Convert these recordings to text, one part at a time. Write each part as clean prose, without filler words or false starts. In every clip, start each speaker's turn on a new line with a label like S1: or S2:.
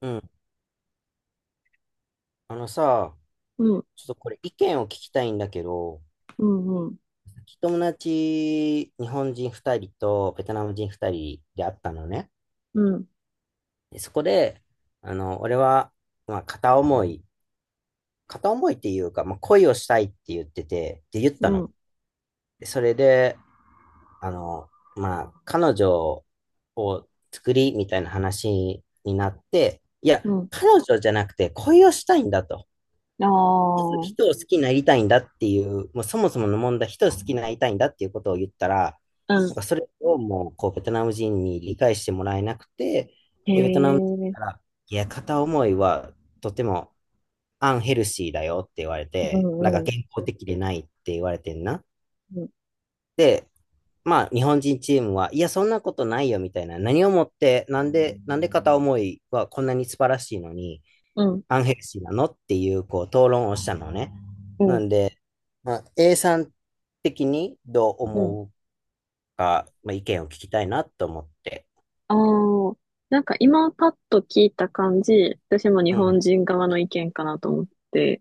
S1: うん。あのさ、
S2: うん、
S1: ちょっとこれ意見を聞きたいんだけど、
S2: うん、うん、
S1: 友達、日本人2人とベトナム人2人で会ったのね。
S2: うん、
S1: でそこで、俺は、まあ、片思い、片思いっていうか、恋をしたいって言ってて、って言った
S2: う
S1: の。
S2: ん、
S1: でそれで、あの、彼女を作りみたいな話になって、いや、
S2: うん。
S1: 彼女じゃなくて恋をしたいんだと。
S2: ああ、う
S1: 人を好きになりたいんだっていう、もうそもそもの問題、人を好きになりたいんだっていうことを言ったら、な
S2: ん。
S1: んかそれをもう、こう、ベトナム人に理解してもらえなくて、
S2: へ
S1: で、ベトナム人
S2: え、
S1: から、いや、片思いはとてもアンヘルシーだよって言われ
S2: う
S1: て、なんか
S2: ん、うん、
S1: 健康的でないって言われてんな。
S2: うん、
S1: で、まあ、日本人チームは、いや、そんなことないよみたいな、何をもって、なんで片思いはこんなに素晴らしいのに、
S2: うん、
S1: アンヘルシーなのっていう、こう、討論をしたのね。
S2: う
S1: な
S2: ん、
S1: んで、まあ、A さん的にどう
S2: うん。
S1: 思うか、まあ、意見を聞きたいなと思って。
S2: ああ、なんか今パッと聞いた感じ、私も日
S1: うん、
S2: 本人側の意見かなと思って、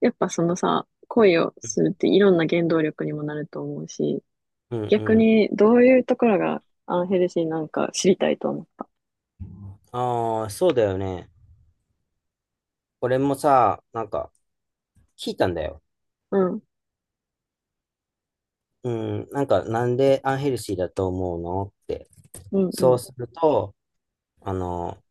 S2: やっぱそのさ、恋をするっていろんな原動力にもなると思うし、
S1: うん、う
S2: 逆
S1: ん。
S2: にどういうところがアンヘルシーなんか知りたいと思った。
S1: ああ、そうだよね。俺もさ、なんか、聞いたんだよ。
S2: うん、
S1: うん、なんか、なんでアンヘルシーだと思うのって。
S2: うん、う
S1: そう
S2: ん。
S1: すると、あの、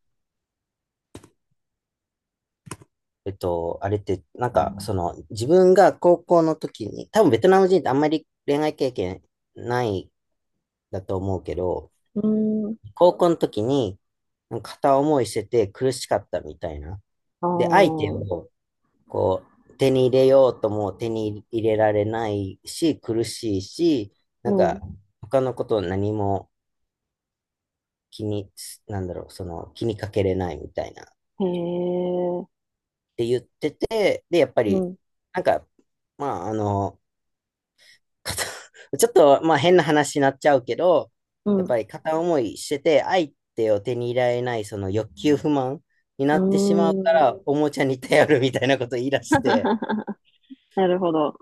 S1: あれって、なんか、その、自分が高校の時に、多分ベトナム人ってあんまり恋愛経験ないだと思うけど、
S2: うーん、
S1: 高校の時に、片思いしてて苦しかったみたいな。
S2: あ
S1: で、相手
S2: あ、
S1: をこ手に入れようとも手に入れられないし、苦しいし、な
S2: う
S1: んか
S2: ん、
S1: 他のことを何も気に、なんだろう、その気にかけれないみたいなっ
S2: へえ、
S1: て言ってて、で、やっぱ
S2: う
S1: り、
S2: ん、
S1: なんか、まあ、あの、片 ちょっと、まあ変な話になっちゃうけど、
S2: う
S1: やっ
S2: ん。
S1: ぱり片思いしてて、相手を手に入れられない、その欲求不満にな
S2: う
S1: ってしまうか
S2: ーん。
S1: ら、おもちゃに頼るみたいなこと言い出 して、
S2: なるほど。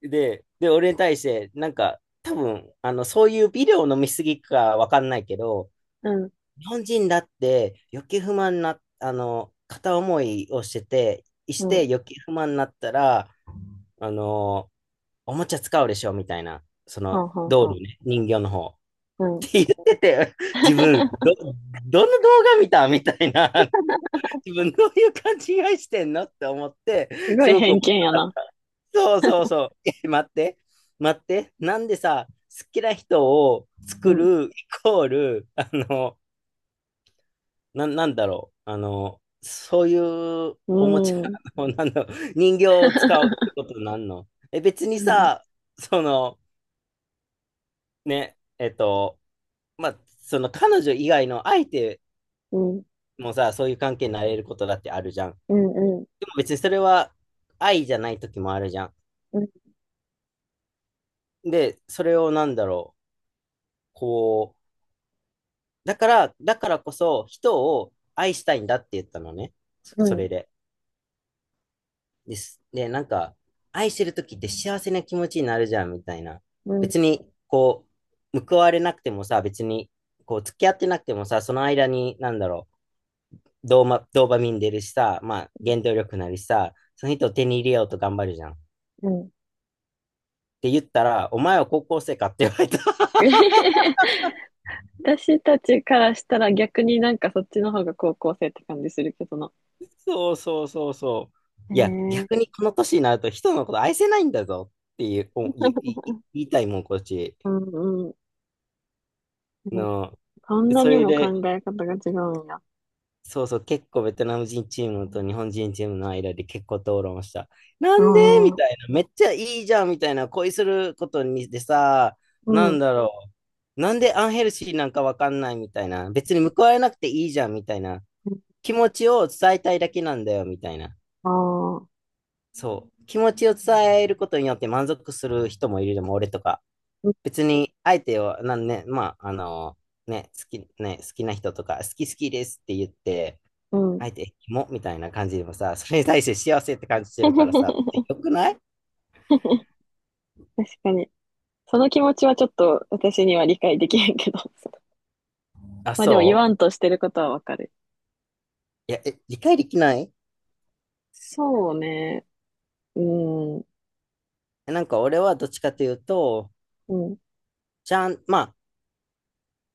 S1: で、俺に対して、なんか、多分、あの、そういうビデオ飲みすぎかわかんないけど、
S2: うん、
S1: 日本人だって欲求不満な、あの、片思いをしてて、
S2: う
S1: し
S2: ん。
S1: て欲求不満になったら、あの、おもちゃ使うでしょみたいな、そ
S2: は
S1: の、
S2: んはん
S1: 道
S2: はん。
S1: 理ね、人形の方。
S2: うん。
S1: 言ってて、自分、ど、どの動画見たみたいな、自分どういう勘違いしてんのって思って、
S2: すご
S1: す
S2: い
S1: ごく面
S2: 偏
S1: 白
S2: 見や
S1: かっ
S2: な。
S1: た。そうそうそう。え待って、待って、なんでさ、好きな人を
S2: う
S1: 作
S2: ん。
S1: るイコール、なんだろう、あの、そういう
S2: う
S1: おもちゃ
S2: ーん。
S1: の、なんだろう、人形を使うって ことなんのえ、別に
S2: うん、
S1: さ、その、ね、えっと、まあ、その彼女以外の相手
S2: うん、
S1: もうさ、そういう関係になれることだってあるじゃん。
S2: うん、う
S1: でも別にそれは愛じゃない時もあるじゃん。
S2: ん、うん、
S1: で、それをなんだろう、こう、だからこそ人を愛したいんだって言ったのね。そ
S2: う
S1: そ
S2: ん、
S1: れで。です。で、なんか、愛してる時って幸せな気持ちになるじゃんみたいな。
S2: うん。
S1: 別に、こう、報われなくてもさ、別に、こう、付き合ってなくてもさ、その間に、なんだろう、ドーパミン出るしさ、まあ、原動力なりさ、その人を手に入れようと頑張るじゃん。
S2: うん。
S1: って言ったら、お前は高校生かって言われた。
S2: 私たちからしたら逆になんかそっちの方が高校生って感じするけどな。
S1: そうそうそうそう。
S2: へえ、
S1: いや、
S2: う
S1: 逆にこの年になると人のこと愛せないんだぞっていう、おいいい言いたいもん、こっ
S2: ん、
S1: ち。
S2: うん。うん、
S1: の、
S2: こんな
S1: そ
S2: に
S1: れ
S2: も考
S1: で、
S2: え方が違うんや。
S1: そうそう、結構ベトナム人チームと日本人チームの間で結構討論した。な
S2: あ
S1: んでみた
S2: あ、
S1: いな、めっちゃいいじゃんみたいな、恋することにでさ、
S2: う
S1: なん
S2: ん。
S1: だろう。なんでアンヘルシーなんかわかんないみたいな、別に報われなくていいじゃんみたいな、気持ちを伝えたいだけなんだよみたいな。
S2: ああ、
S1: そう。気持ちを伝えることによって満足する人もいるでも、俺とか。
S2: うん。
S1: 別に、相手を、なんね、まあ、あのね、好き、ね、好きな人とか、好き好きですって言って、
S2: うん。
S1: 相手、キモみたいな感じでもさ、それに対して幸せって感じてるからさ、よくない
S2: 確かに。その気持ちはちょっと私には理解できへんけど。
S1: あ、
S2: まあでも言
S1: そう
S2: わんとしてることはわかる。
S1: いや、え、理解できない
S2: そうね。うん、う
S1: えなんか俺はどっちかというと、
S2: ん、
S1: ちゃん、まあ、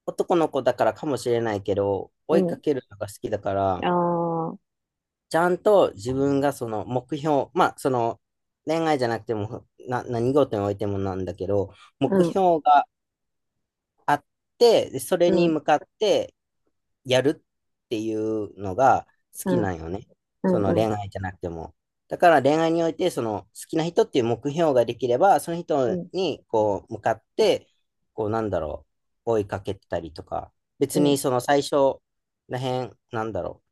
S1: 男の子だからかもしれないけど、
S2: う
S1: 追いか
S2: ん。
S1: けるのが好きだか
S2: あ
S1: ら、
S2: あ、
S1: ちゃんと自分がその目標、まあその恋愛じゃなくてもな何事においてもなんだけど、目
S2: うん、
S1: 標があって、でそ
S2: う
S1: れに
S2: ん、
S1: 向かってやるっていうのが好
S2: う
S1: きな
S2: ん、
S1: んよね。
S2: う
S1: そ
S2: ん、
S1: の
S2: う
S1: 恋
S2: ん、
S1: 愛じゃなくても。だから恋愛においてその好きな人っていう目標ができれば、その
S2: う
S1: 人
S2: ん、
S1: にこう向かって、こうなんだろう、追いかけたりとか、
S2: う
S1: 別に
S2: ん、
S1: その最初らへん、なんだろう、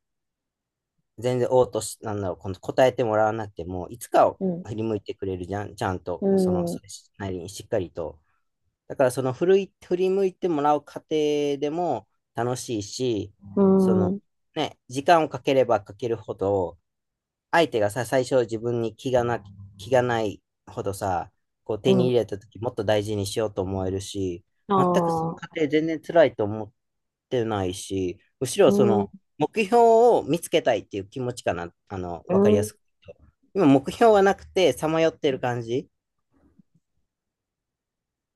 S1: 全然応答し、なんだろう、この答えてもらわなくても、いつかを
S2: うん、
S1: 振り向いてくれるじゃん、ちゃんと、
S2: う
S1: その、
S2: ん、
S1: それなりにしっかりと。だから、振り向いてもらう過程でも楽しいし、
S2: う
S1: その、
S2: ん、
S1: ね、時間をかければかけるほど、相手がさ、最初自分に気がないほどさ、こう
S2: う
S1: 手に
S2: ん、
S1: 入れた時もっと大事にしようと思えるし、
S2: あ
S1: 全くその
S2: あ、
S1: 過程全然辛いと思てないし、むし
S2: う
S1: ろそ
S2: ん、う
S1: の目標を見つけたいっていう気持ちかな、あの、
S2: ん、
S1: わかりやすく言うと。今、目標がなくて、さまよってる感じ。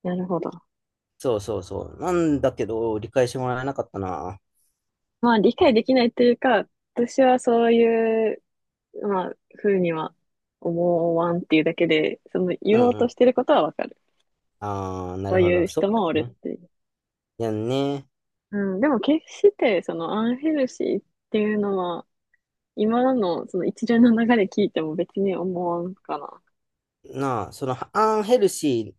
S2: なるほど。
S1: そうそうそう。なんだけど、理解してもらえなかったな。
S2: まあ理解できないというか、私はそういう、まあ、ふうには思わんっていうだけで、その
S1: う
S2: 言お
S1: ん
S2: う
S1: う
S2: と
S1: ん。
S2: してることはわかる。
S1: ああ、な
S2: そ
S1: る
S2: う
S1: ほ
S2: い
S1: ど。
S2: う
S1: そう
S2: 人もお
S1: だ
S2: る
S1: よね。
S2: っていう。
S1: いやね。
S2: うん、でも決してそのアンヘルシーっていうのは今のその一連の流れ聞いても別に思わんかな。
S1: なあ、その、アンヘルシ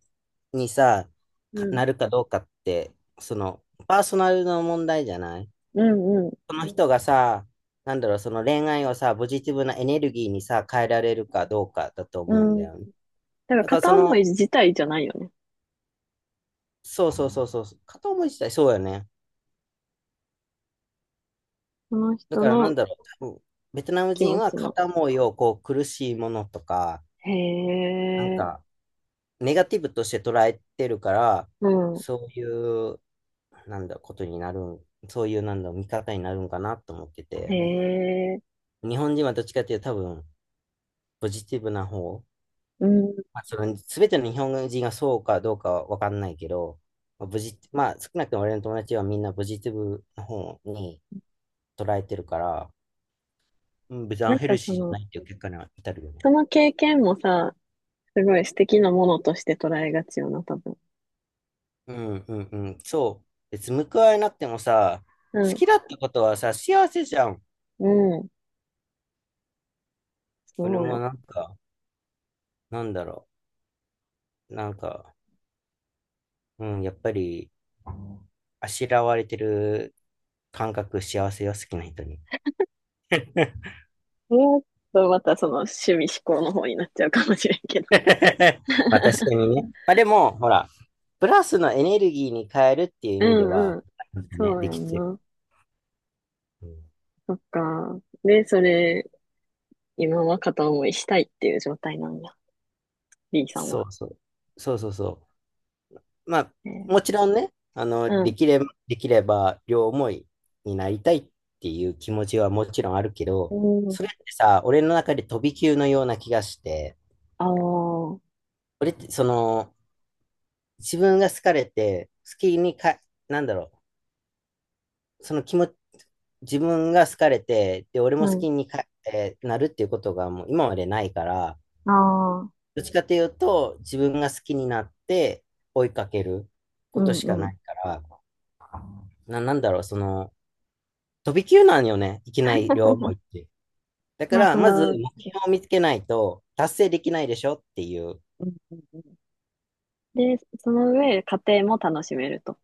S1: ーにさ、
S2: う
S1: か
S2: ん。
S1: なるかどうかって、その、パーソナルの問題じゃない
S2: うんう
S1: その人がさ、なんだろう、その恋愛をさ、ポジティブなエネルギーにさ、変えられるかどうかだと
S2: ん。
S1: 思うんだ
S2: うん。だ
S1: よね。
S2: から
S1: だからそ
S2: 片思い
S1: の、
S2: 自体じゃないよね。
S1: そうそうそうそう、片思い自体そうよね。
S2: その
S1: だ
S2: 人
S1: からなん
S2: の
S1: だろう、多分ベトナム
S2: 気
S1: 人
S2: 持
S1: は
S2: ちの。
S1: 片思いをこう苦しいものとか、
S2: へ
S1: なん
S2: え。
S1: かネガティブとして捉えてるから、
S2: うん。
S1: そういう、なんだ、ことになるん、そういうなんだ、見方になるんかなと思って
S2: へ
S1: て、
S2: え。
S1: 日本人はどっちかっていうと多分、ポジティブな方、
S2: うん。
S1: まあ、その全ての日本人がそうかどうかは分かんないけど、まあ、少なくとも俺の友達はみんなポジティブな方に捉えてるから、うん、別にア
S2: な
S1: ン
S2: ん
S1: ヘ
S2: か
S1: ル
S2: そ
S1: シーじゃ
S2: の、
S1: ないっていう結果には至るよね。
S2: その経験もさ、すごい素敵なものとして捉えがちよな、多分。
S1: うんうんうん、そう。別に報われなくてもさ、
S2: う
S1: 好
S2: ん。
S1: きだったことはさ、幸せじゃん。
S2: うん。
S1: 俺
S2: そう
S1: も
S2: よ。
S1: なんか、なんだろう。なんか、うん、やっぱり、あしらわれてる感覚、幸せよ、好きな人に。
S2: もっとまたその趣味思考の方になっちゃうかもしれんけど。
S1: まあ確か にね。まあでも、ほら、プラスのエネルギーに変えるっていう
S2: う
S1: 意味で
S2: ん
S1: は、
S2: うん。
S1: ね、
S2: そう
S1: で
S2: や
S1: き
S2: ん
S1: てる。
S2: な。
S1: うん
S2: そっか。で、それ、今は片思いしたいっていう状態なんや。B さん
S1: そ
S2: は。
S1: うそう。そうそうそう。まあ、
S2: え
S1: も
S2: ー、
S1: ちろんね、
S2: うん。
S1: できれば両思いになりたいっていう気持ちはもちろんあるけ
S2: う
S1: ど、
S2: ん。
S1: それってさ、俺の中で飛び級のような気がして、
S2: ああ。
S1: 俺ってその、自分が好かれて、好きにか、なんだろう、その気持ち、自分が好かれて、で、俺
S2: う
S1: も好
S2: ん。
S1: きにか、えーなるっていうことがもう今までないから、
S2: ああ。
S1: どっちかというと、自分が好きになって追いかけるこ
S2: う
S1: と
S2: ん
S1: しか
S2: う
S1: な
S2: ん。
S1: いから、なんだろう、その、飛び級なんよね。いきなり両思いっ て。だか
S2: まあ、
S1: ら、
S2: そ
S1: まず
S2: の、う
S1: 目標を見つけないと達成できないでしょっていう。
S2: んうんうん、で、その上、家庭も楽しめると。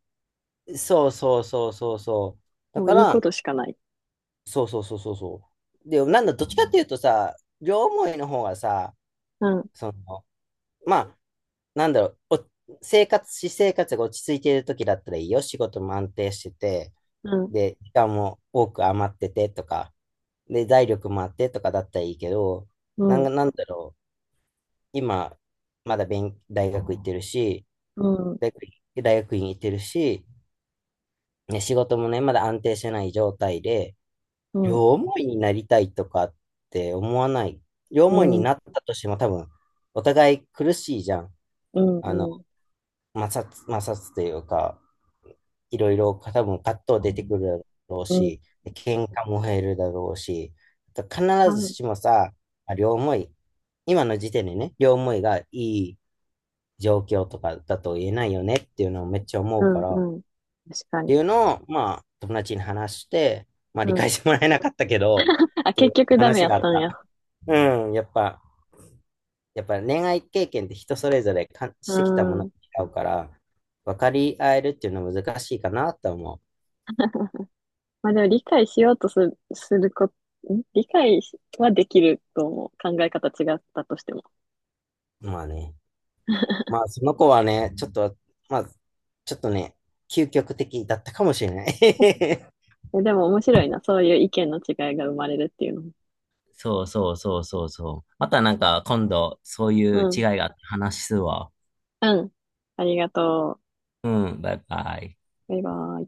S1: そうそうそうそうそう。だ
S2: もう
S1: か
S2: いいこ
S1: ら、
S2: としかない。
S1: そうそうそうそうそう。で、なんだ、どっちかっていうとさ、両思いの方がさ、
S2: うん、
S1: その、まあ、なんだろう、お生活、私生活が落ち着いている時だったらいいよ。仕事も安定してて、
S2: うん、
S1: で、時間も多く余っててとか、で、財力もあってとかだったらいいけど、
S2: う
S1: なんか、
S2: ん、
S1: なんだろう。今、まだ勉、大学行ってるし、
S2: うん、
S1: 大学、大学院行ってるし、ね、仕事もね、まだ安定してない状態で、
S2: うん、うん、
S1: 両思いになりたいとかって思わない。両
S2: う
S1: 思いに
S2: ん、
S1: なったとしても多分、お互い苦しいじゃん。
S2: うん、
S1: あの、
S2: うん、
S1: 摩擦というか、いろいろ多分葛藤出てくるだろう
S2: うん、
S1: し、喧嘩も減るだろうし、必ずしもさ、両思い、今の時点でね、両思いがいい状況とかだと言えないよねっていうのをめっちゃ思
S2: う
S1: うか
S2: ん、
S1: ら、っ
S2: うん、確かに。
S1: ていうのを、まあ、友達に話して、まあ、
S2: う
S1: 理
S2: ん。
S1: 解してもらえなかったけど、
S2: あ、
S1: ってい
S2: 結
S1: う
S2: 局ダメ
S1: 話
S2: やっ
S1: があっ
S2: たんや。
S1: た。うん、やっぱ恋愛経験って人それぞれ感
S2: う
S1: してきたものが
S2: ん。
S1: 違うから、分かり合えるっていうのは難しいかなとは思
S2: まあでも理解しようとする、するこ、ん理解はできると思う。考え方違ったとしても。
S1: う。まあね。まあ、その子はね、ちょっと、まあ、ちょっとね、究極的だったかもしれない。
S2: え、でも面白いな。そういう意見の違いが生まれるっていうのも。
S1: そうそうそうそうそう。またなんか今度そうい
S2: う
S1: う違い
S2: ん。
S1: があって話すわ。
S2: うん。ありがと
S1: うん。バイバイ。
S2: う。バイバイ。